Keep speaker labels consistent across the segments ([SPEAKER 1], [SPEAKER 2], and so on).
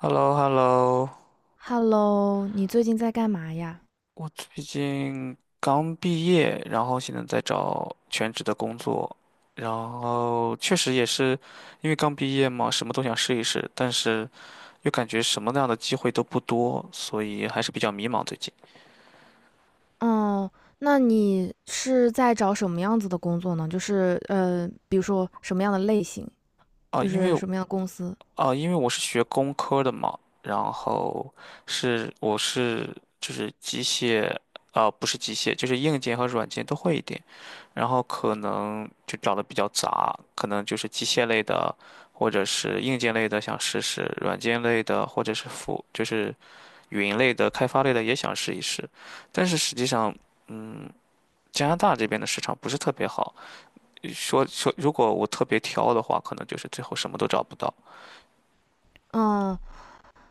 [SPEAKER 1] h e l l o, Hello.
[SPEAKER 2] Hello，你最近在干嘛呀？
[SPEAKER 1] 我最近刚毕业，然后现在在找全职的工作，然后确实也是因为刚毕业嘛，什么都想试一试，但是又感觉什么样的机会都不多，所以还是比较迷茫最近
[SPEAKER 2] 哦，那你是在找什么样子的工作呢？就是比如说什么样的类型，
[SPEAKER 1] 啊。
[SPEAKER 2] 就
[SPEAKER 1] 因为
[SPEAKER 2] 是什么样的公司？
[SPEAKER 1] 啊，因为我是学工科的嘛，然后是我是就是机械。啊，不是机械，就是硬件和软件都会一点，然后可能就找的比较杂，可能就是机械类的，或者是硬件类的想试试，软件类的或者是就是云类的、开发类的也想试一试，但是实际上，嗯，加拿大这边的市场不是特别好，说如果我特别挑的话，可能就是最后什么都找不到。
[SPEAKER 2] 嗯。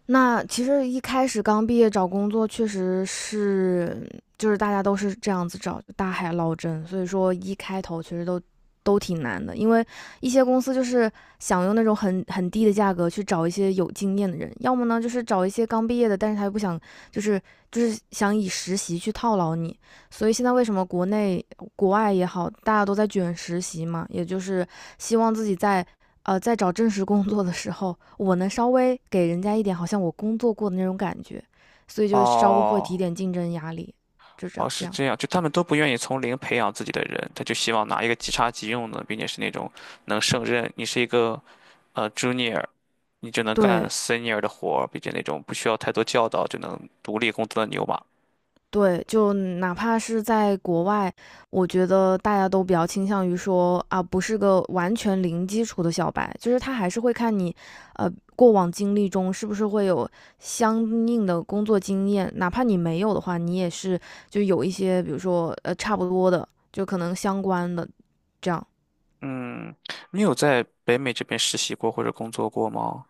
[SPEAKER 2] 那其实一开始刚毕业找工作，确实是就是大家都是这样子找，大海捞针，所以说一开头其实都挺难的，因为一些公司就是想用那种很低的价格去找一些有经验的人，要么呢就是找一些刚毕业的，但是他又不想就是就是想以实习去套牢你，所以现在为什么国内国外也好，大家都在卷实习嘛，也就是希望自己在在找正式工作的时候，我能稍微给人家一点好像我工作过的那种感觉，所以就稍微会提
[SPEAKER 1] 哦，
[SPEAKER 2] 点竞争压力，就这
[SPEAKER 1] 哦，
[SPEAKER 2] 样
[SPEAKER 1] 是
[SPEAKER 2] 这样。
[SPEAKER 1] 这样，就他们都不愿意从零培养自己的人，他就希望拿一个即插即用的，并且是那种能胜任。你是一个junior，你就能干
[SPEAKER 2] 对，
[SPEAKER 1] senior 的活儿，并且那种不需要太多教导就能独立工作的牛马。
[SPEAKER 2] 对，就哪怕是在国外，我觉得大家都比较倾向于说啊，不是个完全零基础的小白，就是他还是会看你，呃，过往经历中是不是会有相应的工作经验，哪怕你没有的话，你也是就有一些，比如说差不多的，就可能相关的这样。
[SPEAKER 1] 嗯，你有在北美这边实习过或者工作过吗？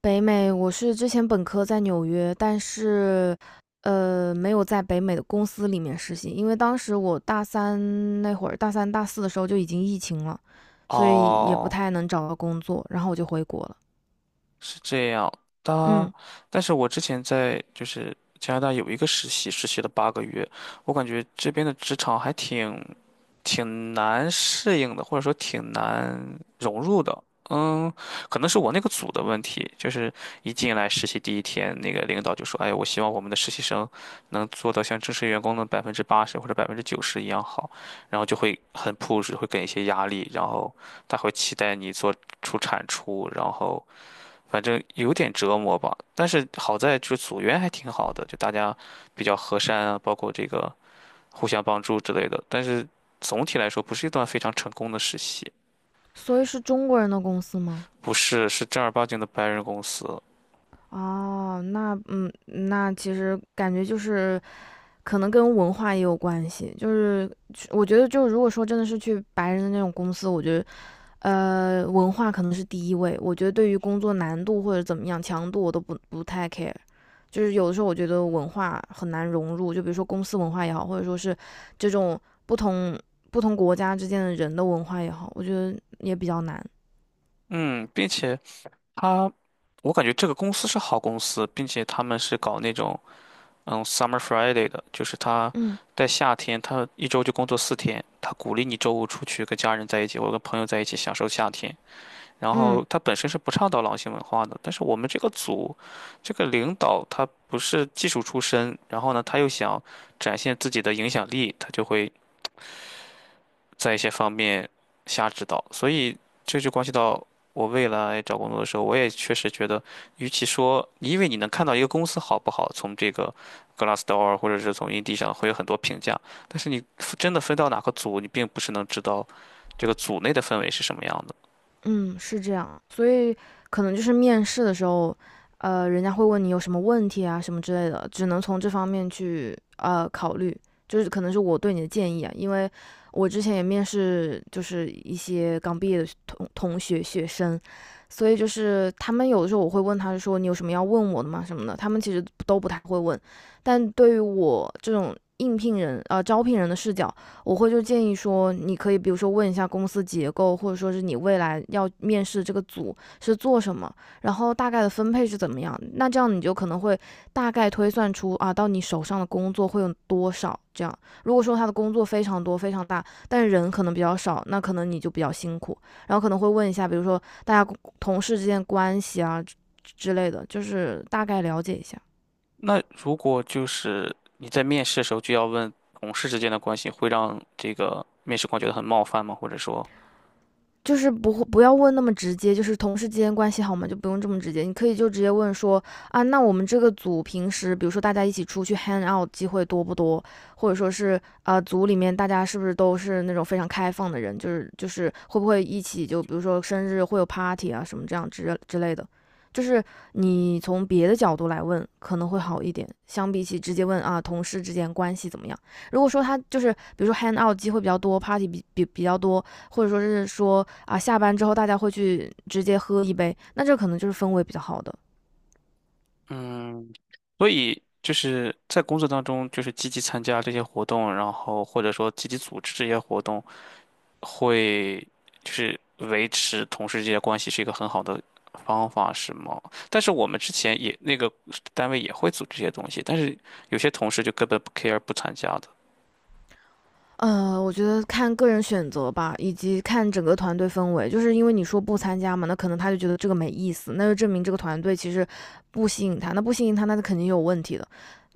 [SPEAKER 2] 北美，我是之前本科在纽约，但是，没有在北美的公司里面实习，因为当时我大三那会儿，大三大四的时候就已经疫情了，所以也不
[SPEAKER 1] 哦，
[SPEAKER 2] 太能找到工作，然后我就回国了。
[SPEAKER 1] 是这样的。
[SPEAKER 2] 嗯，
[SPEAKER 1] 但是我之前在就是加拿大有一个实习，实习了8个月。我感觉这边的职场还挺难适应的，或者说挺难融入的。嗯，可能是我那个组的问题，就是一进来实习第一天，那个领导就说：“哎，我希望我们的实习生能做到像正式员工的80%或者90%一样好。”然后就会很 push，会给一些压力，然后他会期待你做出产出。然后。反正有点折磨吧，但是好在就是组员还挺好的，就大家比较和善啊，包括这个互相帮助之类的。但是总体来说，不是一段非常成功的实习。
[SPEAKER 2] 所以是中国人的公司吗？
[SPEAKER 1] 不是，是正儿八经的白人公司。
[SPEAKER 2] 哦，那嗯，那其实感觉就是可能跟文化也有关系，就是去我觉得就如果说真的是去白人的那种公司，我觉得文化可能是第一位。我觉得对于工作难度或者怎么样强度，我都不太 care。就是有的时候我觉得文化很难融入，就比如说公司文化也好，或者说是这种不同不同国家之间的人的文化也好，我觉得也比较难。
[SPEAKER 1] 嗯，并且他，我感觉这个公司是好公司，并且他们是搞那种Summer Friday 的，就是他
[SPEAKER 2] 嗯
[SPEAKER 1] 在夏天，他一周就工作4天，他鼓励你周五出去跟家人在一起，或者跟朋友在一起享受夏天。然
[SPEAKER 2] 嗯。
[SPEAKER 1] 后他本身是不倡导狼性文化的，但是我们这个组，这个领导他不是技术出身，然后呢，他又想展现自己的影响力，他就会在一些方面瞎指导。所以这就关系到我未来找工作的时候，我也确实觉得，与其说因为你能看到一个公司好不好，从这个 Glassdoor 或者是从 Indeed 上会有很多评价，但是你真的分到哪个组，你并不是能知道这个组内的氛围是什么样的。
[SPEAKER 2] 嗯，是这样。所以可能就是面试的时候，人家会问你有什么问题啊，什么之类的，只能从这方面去考虑。就是可能是我对你的建议啊，因为我之前也面试，就是一些刚毕业的同学生，所以就是他们有的时候我会问他说你有什么要问我的吗什么的，他们其实都不太会问。但对于我这种应聘人啊、招聘人的视角，我会就建议说，你可以比如说问一下公司结构，或者说是你未来要面试这个组是做什么，然后大概的分配是怎么样。那这样你就可能会大概推算出啊，到你手上的工作会有多少。这样，如果说他的工作非常多、非常大，但是人可能比较少，那可能你就比较辛苦。然后可能会问一下，比如说大家同事之间关系啊之类的，就是大概了解一下。
[SPEAKER 1] 那如果就是你在面试的时候就要问同事之间的关系，会让这个面试官觉得很冒犯吗？或者说，
[SPEAKER 2] 就是不会不要问那么直接，就是同事之间关系好吗？就不用这么直接，你可以就直接问说啊，那我们这个组平时，比如说大家一起出去 hang out 机会多不多，或者说是啊、组里面大家是不是都是那种非常开放的人，就是会不会一起就比如说生日会有 party 啊什么这样之类的，就是你从别的角度来问可能会好一点，相比起直接问啊同事之间关系怎么样。如果说他就是比如说 hang out 机会比较多，party 比较多，或者说是说啊，下班之后大家会去直接喝一杯，那这可能就是氛围比较好的。
[SPEAKER 1] 嗯，所以就是在工作当中，就是积极参加这些活动，然后或者说积极组织这些活动，会就是维持同事之间的关系是一个很好的方法，是吗？但是我们之前也那个单位也会组织这些东西，但是有些同事就根本不 care 不参加的。
[SPEAKER 2] 呃，我觉得看个人选择吧，以及看整个团队氛围。就是因为你说不参加嘛，那可能他就觉得这个没意思，那就证明这个团队其实不吸引他。那不吸引他，那肯定有问题的。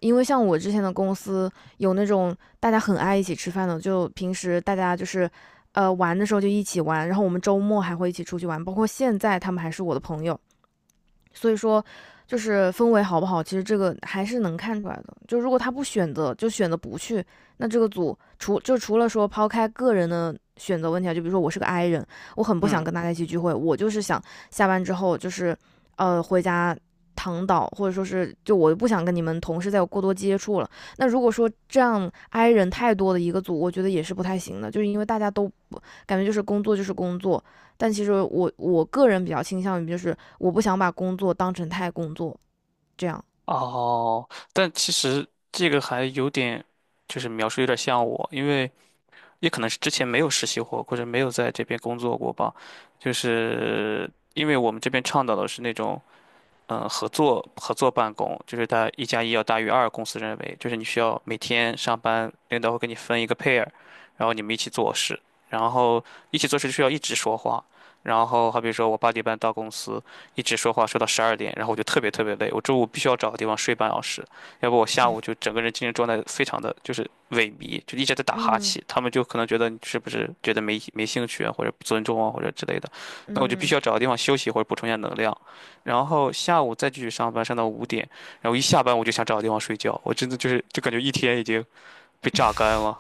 [SPEAKER 2] 因为像我之前的公司有那种大家很爱一起吃饭的，就平时大家就是玩的时候就一起玩，然后我们周末还会一起出去玩，包括现在他们还是我的朋友。所以说，就是氛围好不好，其实这个还是能看出来的。就如果他不选择，就选择不去，那这个组除了说抛开个人的选择问题啊，就比如说我是个 I 人，我很不想
[SPEAKER 1] 嗯
[SPEAKER 2] 跟大家一起聚会，我就是想下班之后就是回家躺倒，或者说是就我不想跟你们同事再有过多接触了。那如果说这样 I 人太多的一个组，我觉得也是不太行的，就是因为大家都不感觉就是工作就是工作，但其实我个人比较倾向于就是我不想把工作当成太工作这样。
[SPEAKER 1] 哦，但其实这个还有点，就是描述有点像我，因为也可能是之前没有实习过，或者没有在这边工作过吧。就是因为我们这边倡导的是那种。合作办公，就是它1加1要大于二，公司认为就是你需要每天上班，领导会给你分一个 pair，然后你们一起做事，然后一起做事就需要一直说话。然后好比说我8点半到公司，一直说话说到12点，然后我就特别特别累，我中午必须要找个地方睡半小时，要不我下午就整个人精神状态非常的就是萎靡，就一直在打哈
[SPEAKER 2] 嗯
[SPEAKER 1] 欠，他们就可能觉得你是不是觉得没兴趣啊，或者不尊重啊，或者之类的，那我就必须
[SPEAKER 2] 嗯，
[SPEAKER 1] 要找个地方休息或者补充一下能量。然后下午再继续上班，上到5点，然后一下班我就想找个地方睡觉，我真的就是就感觉一天已经被榨干了。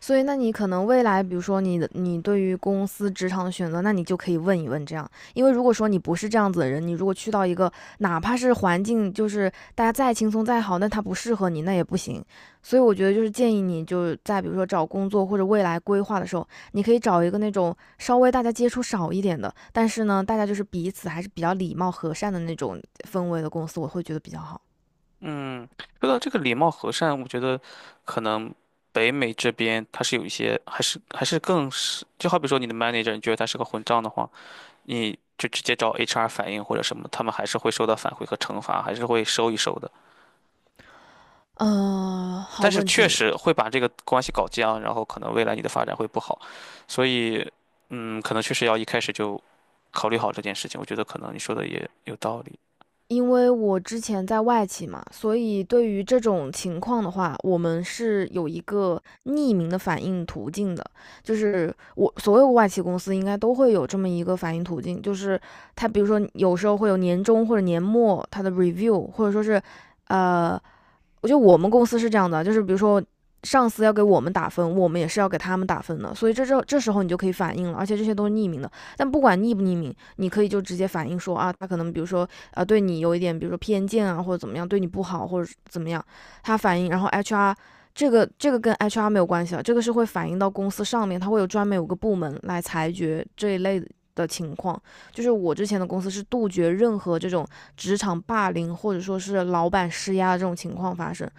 [SPEAKER 2] 所以，那你可能未来，比如说你对于公司职场的选择，那你就可以问一问这样，因为如果说你不是这样子的人，你如果去到一个哪怕是环境就是大家再轻松再好，那它不适合你，那也不行。所以我觉得就是建议你就在比如说找工作或者未来规划的时候，你可以找一个那种稍微大家接触少一点的，但是呢，大家就是彼此还是比较礼貌和善的那种氛围的公司，我会觉得比较好。
[SPEAKER 1] 嗯，说到这个礼貌和善，我觉得可能北美这边它是有一些，还是更是，就好比说你的 manager，你觉得他是个混账的话，你就直接找 HR 反映或者什么，他们还是会收到反馈和惩罚，还是会收一收的。
[SPEAKER 2] 嗯，好
[SPEAKER 1] 但是
[SPEAKER 2] 问
[SPEAKER 1] 确
[SPEAKER 2] 题。
[SPEAKER 1] 实会把这个关系搞僵，然后可能未来你的发展会不好，所以，可能确实要一开始就考虑好这件事情。我觉得可能你说的也有道理。
[SPEAKER 2] 因为我之前在外企嘛，所以对于这种情况的话，我们是有一个匿名的反应途径的。就是我所有外企公司应该都会有这么一个反应途径，就是它比如说有时候会有年终或者年末它的 review,或者说是呃我觉得我们公司是这样的，就是比如说上司要给我们打分，我们也是要给他们打分的，所以这时候你就可以反映了，而且这些都是匿名的。但不管匿不匿名，你可以就直接反映说啊，他可能比如说啊对你有一点，比如说偏见啊或者怎么样，对你不好或者怎么样，他反映，然后 HR。这个跟 HR 没有关系啊，这个是会反映到公司上面，它会有专门有个部门来裁决这一类的情况。就是我之前的公司是杜绝任何这种职场霸凌或者说是老板施压的这种情况发生。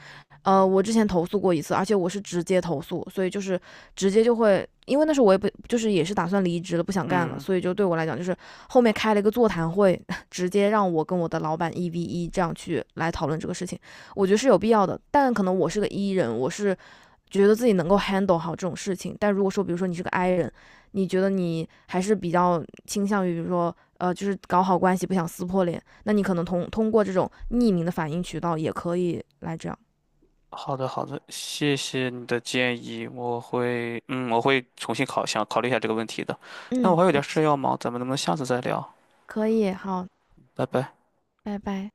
[SPEAKER 2] 呃，我之前投诉过一次，而且我是直接投诉，所以就是直接就会，因为那时候我也不就是也是打算离职了，不想干了，
[SPEAKER 1] 嗯，
[SPEAKER 2] 所以就对我来讲，就是后面开了一个座谈会，直接让我跟我的老板一 v 一这样去来讨论这个事情，我觉得是有必要的。但可能我是个 E 人，我是觉得自己能够 handle 好这种事情。但如果说，比如说你是个 I 人，你觉得你还是比较倾向于，比如说就是搞好关系，不想撕破脸，那你可能通过这种匿名的反应渠道也可以来这样。
[SPEAKER 1] 好的好的，谢谢你的建议，我会重新考虑一下这个问题的。那我
[SPEAKER 2] 嗯，
[SPEAKER 1] 还有点
[SPEAKER 2] 没
[SPEAKER 1] 事
[SPEAKER 2] 事，
[SPEAKER 1] 要忙，咱们能不能下次再聊？
[SPEAKER 2] 可以，好，
[SPEAKER 1] 拜拜。
[SPEAKER 2] 拜拜。